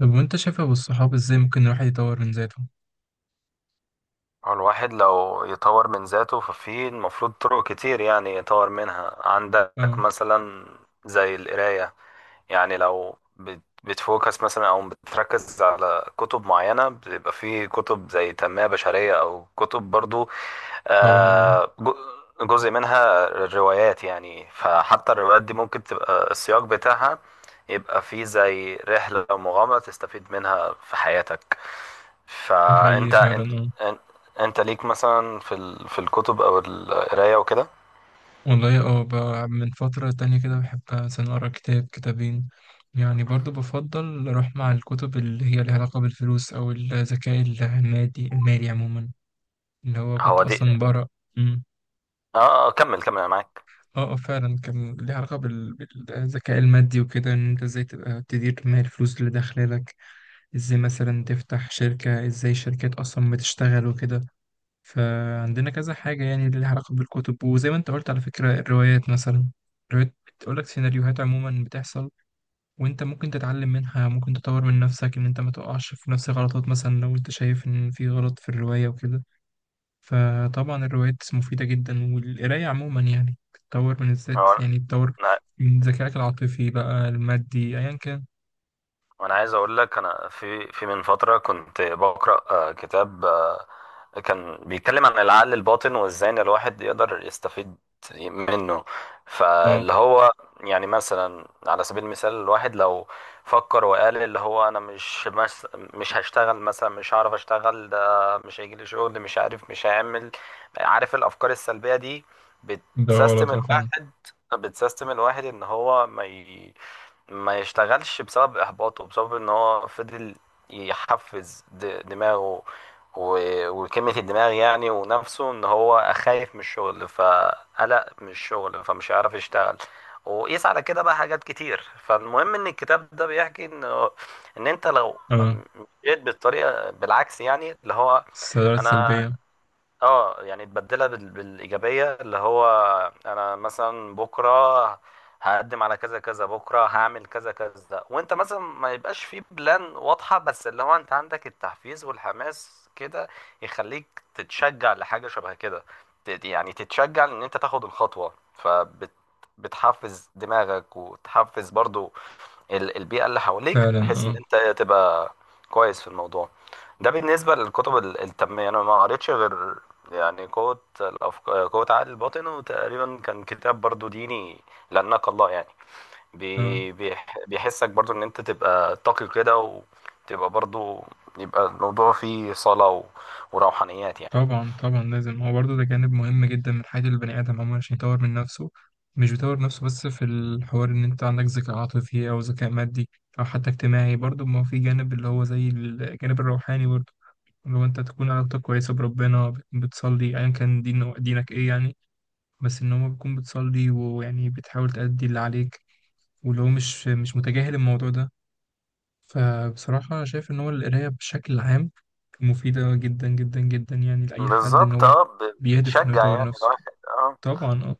طب وانت شايف ابو الصحاب ازاي ممكن الواحد يطور من ذاته؟ هو الواحد لو يطور من ذاته ففي المفروض طرق كتير يعني يطور منها. عندك اه، مثلا زي القراية. يعني لو بتفوكس مثلا او بتركز على كتب معينة، بيبقى في كتب زي تنمية بشرية او كتب برضو طبعا. اه، آه، جو- جزء منها روايات. يعني فحتى الروايات دي ممكن تبقى السياق بتاعها، يبقى فيه زي رحلة أو مغامرة تستفيد منها في حياتك. ده حقيقي فأنت فعلا. إن- اه، انت ليك مثلا في الكتب او القرايه وكده. والله. اه، من فترة تانية كده بحب مثلا اقرا كتاب كتابين. يعني برضو بفضل اروح مع الكتب اللي هي لها علاقة بالفلوس او الذكاء المادي المالي عموما، اللي هو كنت هو دي. اصلا بقرا. مم. اه آه، كمل انا معاك. اه، اه، فعلا كان ليها علاقة بالذكاء المادي وكده، ان انت ازاي تبقى تدير مال الفلوس اللي داخلالك، ازاي مثلا تفتح شركة، ازاي شركات اصلا بتشتغل وكده. فعندنا كذا حاجة يعني اللي لها علاقة بالكتب، وزي ما انت قلت على فكرة الروايات مثلا. الروايات بتقولك سيناريوهات عموما بتحصل، وانت ممكن تتعلم منها، ممكن تطور من نفسك ان انت ما تقعش في نفس الغلطات، مثلا لو انت شايف ان في غلط في الرواية وكده. فطبعا الروايات مفيدة جدا، والقراية عموما يعني بتطور من هو الذات، يعني بتطور انا من ذكائك العاطفي بقى، المادي، ايا كان. انا عايز اقول لك، انا في من فتره كنت بقرا كتاب كان بيتكلم عن العقل الباطن وازاي ان الواحد يقدر يستفيد منه. اه، فاللي هو يعني مثلا على سبيل المثال، الواحد لو فكر وقال اللي هو انا مش هشتغل مثلا، مش هعرف اشتغل، ده مش هيجي لي شغل، مش عارف مش هعمل. عارف الافكار السلبية دي ده بتسيستم غلط. اه، فعلا. الواحد، بتسيستم الواحد ان هو ما يشتغلش بسبب احباطه، بسبب ان هو فضل يحفز دماغه وكلمة الدماغ يعني ونفسه، ان هو خايف من الشغل فقلق من الشغل فمش هيعرف يشتغل. وقيس على كده بقى حاجات كتير. فالمهم ان الكتاب ده بيحكي ان ان انت لو اه، مشيت بالطريقة بالعكس، يعني اللي هو السلبية انا، سلبية. اه يعني تبدلها بالايجابيه. اللي هو انا مثلا بكره هقدم على كذا كذا، بكره هعمل كذا كذا. وانت مثلا ما يبقاش في بلان واضحه، بس اللي هو انت عندك التحفيز والحماس كده يخليك تتشجع لحاجه شبه كده. يعني تتشجع ان انت تاخد الخطوه. بتحفز دماغك وتحفز برضو البيئة اللي حواليك، فعلا. بحيث ان اه، انت تبقى كويس في الموضوع ده. بالنسبة للكتب التنمية، انا ما قريتش غير يعني قوة الأفكار، قوة عقل الباطن. وتقريبا كان كتاب برضو ديني، لأنك الله يعني اه، بيحسك برضو ان انت تبقى تقي كده، وتبقى برضو يبقى الموضوع فيه صلاة وروحانيات يعني. طبعا طبعا، لازم هو برضه ده جانب مهم جدا من حياة البني آدم عموما عشان يطور من نفسه. مش بيطور نفسه بس في الحوار إن أنت عندك ذكاء عاطفي أو ذكاء مادي أو حتى اجتماعي، برضه ما هو في جانب اللي هو زي الجانب الروحاني برضه، اللي هو أنت تكون علاقتك كويسة بربنا، بتصلي أيا كان دين دينك إيه يعني. بس إن هو بتكون بتصلي ويعني بتحاول تأدي اللي عليك، واللي هو مش متجاهل الموضوع ده. فبصراحة أنا شايف إن هو القراية بشكل عام مفيدة جدا جدا جدا، يعني لأي حد إن بالظبط هو اه، بيهدف إنه بتشجع يطور يعني نفسه. الواحد اه. طبعا أه.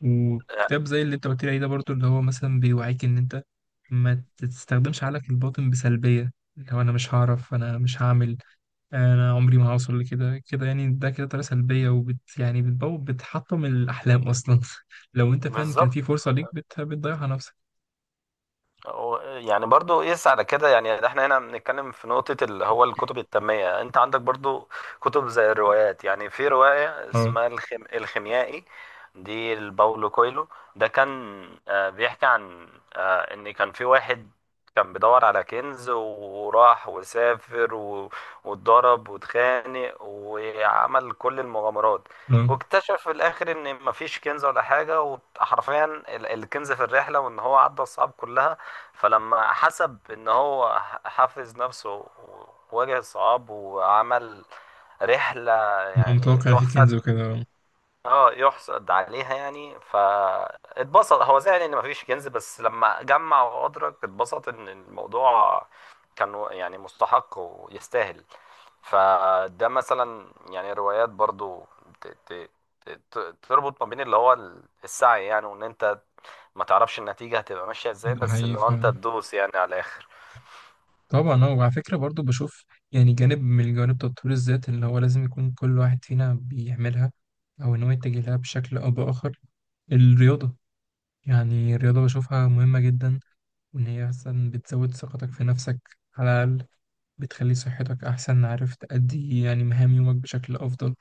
وكتاب زي اللي أنت قلت لي عليه ده برضه اللي هو مثلا بيوعيك إن أنت ما تستخدمش عقلك الباطن بسلبية، اللي هو أنا مش هعرف، أنا مش هعمل، أنا عمري ما هوصل لكده كده، يعني ده كده طريقة سلبية، وبت يعني بتبوظ، بتحطم الأحلام أصلا لو أنت فعلا كان بالظبط. في فرصة ليك بتضيعها نفسك. يعني برضو يقيس على كده. يعني احنا هنا بنتكلم في نقطة اللي هو الكتب التنمية. انت عندك برضو كتب زي الروايات. يعني في رواية اه، اسمها الخيميائي، دي لباولو كويلو. ده كان آه، بيحكي عن آه، ان كان في واحد كان بيدور على كنز، وراح وسافر و... واتضرب واتخانق وعمل كل المغامرات، اه، واكتشف في الاخر ان مفيش كنز ولا حاجه. وحرفيا الكنز في الرحله، وان هو عدى الصعاب كلها. فلما حسب ان هو حافظ نفسه وواجه صعاب وعمل رحلة إن هو يعني متوقع إن في يحسد، كنز وكده. آه. اه يحسد عليها يعني. فاتبسط، هو زعل ان مفيش كنز، بس لما جمع وادرك اتبسط ان الموضوع كان يعني مستحق ويستاهل. فده مثلا يعني روايات برضو ت- ت- تربط ما بين اللي هو السعي يعني، وان انت ما تعرفش النتيجة هتبقى ماشية ازاي، ده بس حقيقي اللي هو انت فعلا. تدوس يعني على الاخر. طبعا اه، وعلى فكرة برضو بشوف يعني جانب من جوانب تطوير الذات اللي هو لازم يكون كل واحد فينا بيعملها أو إن هو يتجه لها بشكل أو بآخر: الرياضة. يعني الرياضة بشوفها مهمة جدا، وإن هي مثلا بتزود ثقتك في نفسك على الأقل، بتخلي صحتك أحسن، عارف تأدي يعني مهام يومك بشكل أفضل،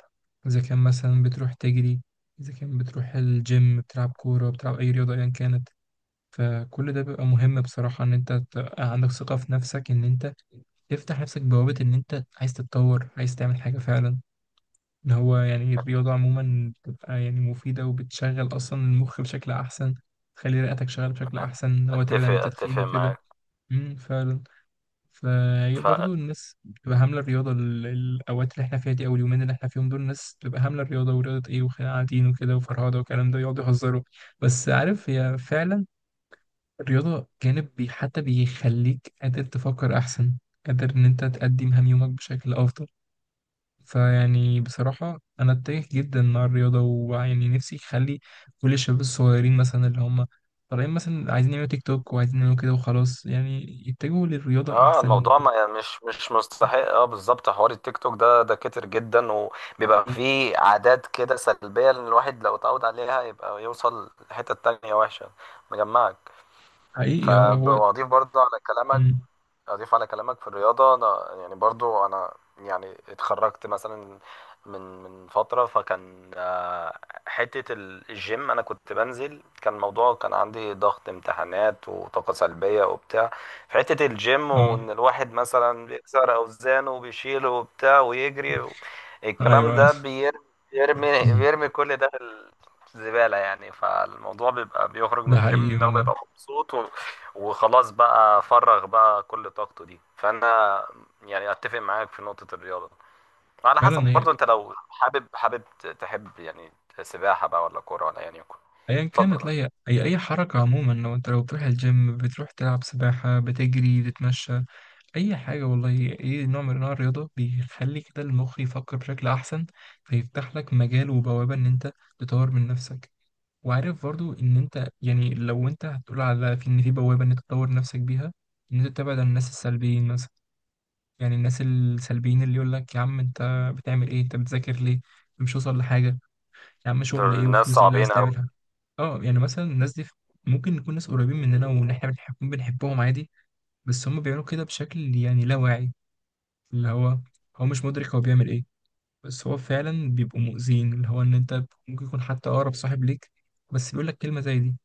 إذا كان مثلا بتروح تجري، إذا كان بتروح الجيم، بتلعب كورة، بتلعب أي رياضة أيا كانت. فكل ده بيبقى مهم بصراحة، إن أنت تبقى عندك ثقة في نفسك، إن أنت تفتح نفسك بوابة إن أنت عايز تتطور، عايز تعمل حاجة فعلا. إن هو يعني الرياضة عموما بتبقى يعني مفيدة، وبتشغل أصلا المخ بشكل أحسن، تخلي رئتك شغالة بشكل أحسن، إن هو تبعد اتفق عن اتفق التدخين وكده. معاك. فعلا. فهي ف برضه الناس بتبقى هاملة الرياضة الأوقات اللي إحنا فيها دي أو اليومين اللي إحنا فيهم دول، الناس بتبقى هاملة الرياضة، ورياضة إيه، وقاعدين وكده وفرهدة والكلام ده، يقعدوا يهزروا. بس عارف هي فعلا الرياضة جانب حتى بيخليك قادر تفكر أحسن، قادر إن أنت تقدم هم يومك بشكل أفضل. فيعني بصراحة أنا أتجه جدا مع الرياضة، ويعني نفسي أخلي كل الشباب الصغيرين مثلا اللي هم طالعين مثلا عايزين يعملوا تيك توك وعايزين يعملوا كده وخلاص، يعني يتجهوا للرياضة اه أحسن. الموضوع ما يعني، مش مستحق. اه بالظبط، حوار التيك توك ده ده كتر جدا، وبيبقى فيه عادات كده سلبية. لان الواحد لو اتعود عليها يبقى يوصل لحتة تانية وحشة مجمعك. حقيقي اه. هو. فبضيف برضه على كلامك، مم. أضيف على كلامك في الرياضة. أنا يعني برضو أنا يعني اتخرجت مثلا من من فترة، فكان آه، حتة الجيم أنا كنت بنزل. كان الموضوع كان عندي ضغط امتحانات وطاقة سلبية وبتاع. في حتة الجيم، اه. وإن الواحد مثلا بيكسر أوزانه وبيشيله وبتاع ويجري و... الكلام أيوه. ده بيرمي بيرمي مم. بيرمي كل ده في الزبالة يعني. فالموضوع بيبقى بيخرج من ده الجيم حقيقي إن هو والله. بيبقى مبسوط، وخلاص بقى فرغ بقى كل طاقته دي. فانا يعني اتفق معاك في نقطة الرياضة. على حسب فعلا. هي برضو انت لو حابب تحب يعني سباحة بقى ولا كورة، ولا يعني يكون. أيا اتفضل. كانت. لا، هي أي حركة عموما، لو أنت لو بتروح الجيم، بتروح تلعب سباحة، بتجري، بتتمشى، اي حاجه والله. اي نوع من انواع الرياضه بيخلي كده المخ يفكر بشكل احسن، فيفتح لك مجال وبوابه ان انت تطور من نفسك. وعارف برضو ان انت يعني لو انت هتقول على في ان في بوابه ان انت تطور نفسك بيها، ان انت تبعد عن الناس السلبيين مثلا. يعني الناس السلبيين اللي يقول لك: يا عم انت بتعمل ايه، انت بتذاكر ليه، أنت مش واصل لحاجه، يا عم شغل دول ايه الناس وفلوس ايه اللي عايز صعبين قوي. تعملها. اه، يعني مثلا الناس دي ممكن نكون ناس قريبين مننا وان احنا بنحبهم عادي. بس هم بيعملوا كده بشكل يعني لا واعي، اللي هو هو مش مدرك هو بيعمل ايه، بس هو فعلا بيبقوا مؤذيين، اللي هو ان انت ممكن يكون حتى اقرب صاحب ليك بس بيقول لك كلمه زي دي.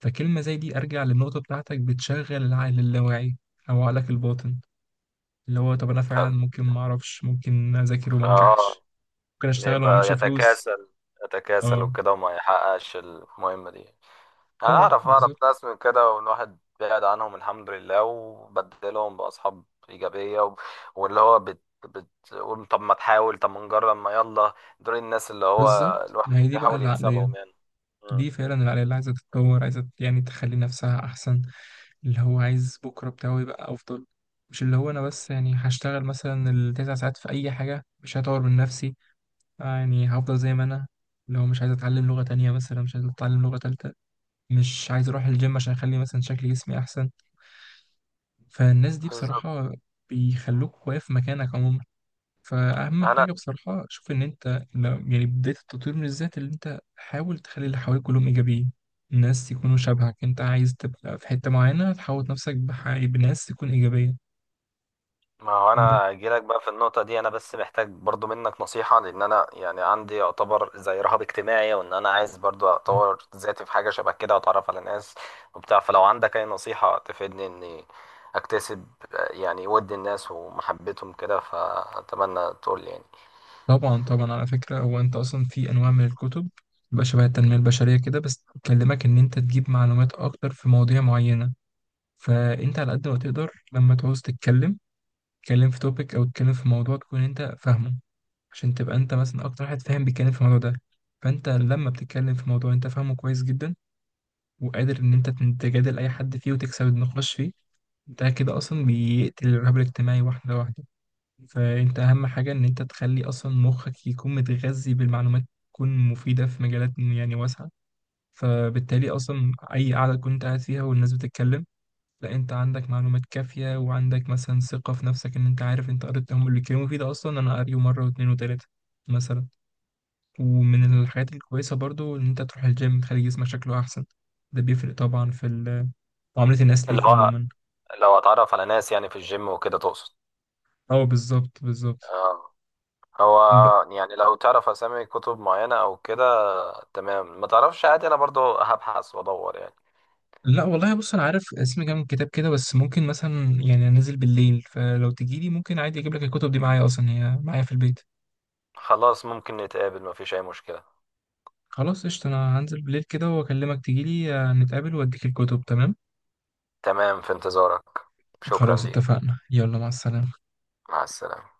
فكلمه زي دي ارجع للنقطه بتاعتك بتشغل العقل اللاواعي او عقلك الباطن، اللي هو طب انا فعلا ف... ممكن ما اعرفش، ممكن اذاكر ف... وما آه، انجحش، ممكن اشتغل وما يبقى اعملش فلوس. يتكاسل، يتكاسل اه، وكده وما يحققش المهمة دي. انا اه، اعرف بالظبط ناس من كده، والواحد بعد عنهم الحمد لله، وبدلهم باصحاب ايجابيه و... واللي هو بتقول طب ما تحاول، طب ما نجرب، ما يلا. دول الناس اللي هو بالظبط. الواحد ما هي دي بقى بيحاول العقليه، يكسبهم يعني. مم. دي فعلا العقليه اللي عايزه تتطور، عايزه يعني تخلي نفسها احسن، اللي هو عايز بكرة بتاعه يبقى أفضل. مش اللي هو أنا بس يعني هشتغل مثلا ال9 ساعات في أي حاجة، مش هطور من نفسي، آه يعني هفضل زي ما أنا، اللي هو مش عايز أتعلم لغة تانية مثلا، مش عايز أتعلم لغة تالتة، مش عايز أروح الجيم عشان أخلي مثلا شكل جسمي أحسن. فالناس دي بالظبط. بصراحة بيخلوك واقف مكانك عموما. فأهم انا حاجة بصراحة، شوف إن أنت يعني بداية التطوير من الذات اللي أنت حاول تخلي اللي حواليك كلهم إيجابيين، الناس يكونوا شبهك. أنت عايز تبقى في حتة معينة، تحوط نفسك بناس تكون إيجابية. ما هو ب- انا اجيلك بقى في النقطه دي. انا بس محتاج برضو منك نصيحه، لان انا يعني عندي يعتبر زي رهاب اجتماعي، وان انا عايز برضو اطور ذاتي في حاجه شبه كده واتعرف على ناس وبتاع. فلو عندك اي نصيحه تفيدني اني اكتسب يعني ود الناس ومحبتهم كده، فاتمنى تقول لي يعني. طبعا طبعا، على فكرة هو أنت أصلا في أنواع من الكتب بقى شبه التنمية البشرية كده، بس بتكلمك إن أنت تجيب معلومات أكتر في مواضيع معينة. فأنت على قد ما تقدر لما تعوز تتكلم، تتكلم في توبيك أو تتكلم في موضوع تكون أنت فاهمه، عشان تبقى انت مثلا اكتر واحد فاهم بيتكلم في الموضوع ده. فانت لما بتتكلم في موضوع انت فاهمه كويس جدا، وقادر ان انت تجادل اي حد فيه وتكسب النقاش فيه، ده كده اصلا بيقتل الرهاب الاجتماعي واحده واحده. فانت اهم حاجه ان انت تخلي اصلا مخك يكون متغذي بالمعلومات، تكون مفيده في مجالات يعني واسعه. فبالتالي اصلا اي قعده كنت قاعد فيها والناس بتتكلم، لا انت عندك معلومات كافيه، وعندك مثلا ثقه في نفسك، ان انت عارف انت قريت هم اللي اتكلموا فيه ده، اصلا انا قاريه مره واتنين وتلاته مثلا. ومن الحاجات الكويسة برضو إن أنت تروح الجيم، تخلي جسمك شكله أحسن، ده بيفرق طبعا في معاملة الناس اللي ليك هو عموما. لو اتعرف على ناس يعني في الجيم وكده تقصد؟ أه، بالظبط بالظبط. آه. هو ب... يعني لو تعرف اسامي كتب معينه او كده، تمام. ما تعرفش عادي، انا برضو هبحث وادور يعني. لا والله، بص أنا عارف اسم كام كتاب كده، بس ممكن مثلا يعني أنزل بالليل، فلو تجيلي ممكن عادي أجيب لك الكتب دي معايا، أصلا هي معايا في البيت. خلاص ممكن نتقابل، مفيش أي مشكلة. خلاص قشطة، أنا هنزل بالليل كده وأكلمك، تجيلي، نتقابل وأديك الكتب. تمام. تمام، في انتظارك. شكرا خلاص ليك. اتفقنا، يلا مع السلامة. مع السلامة.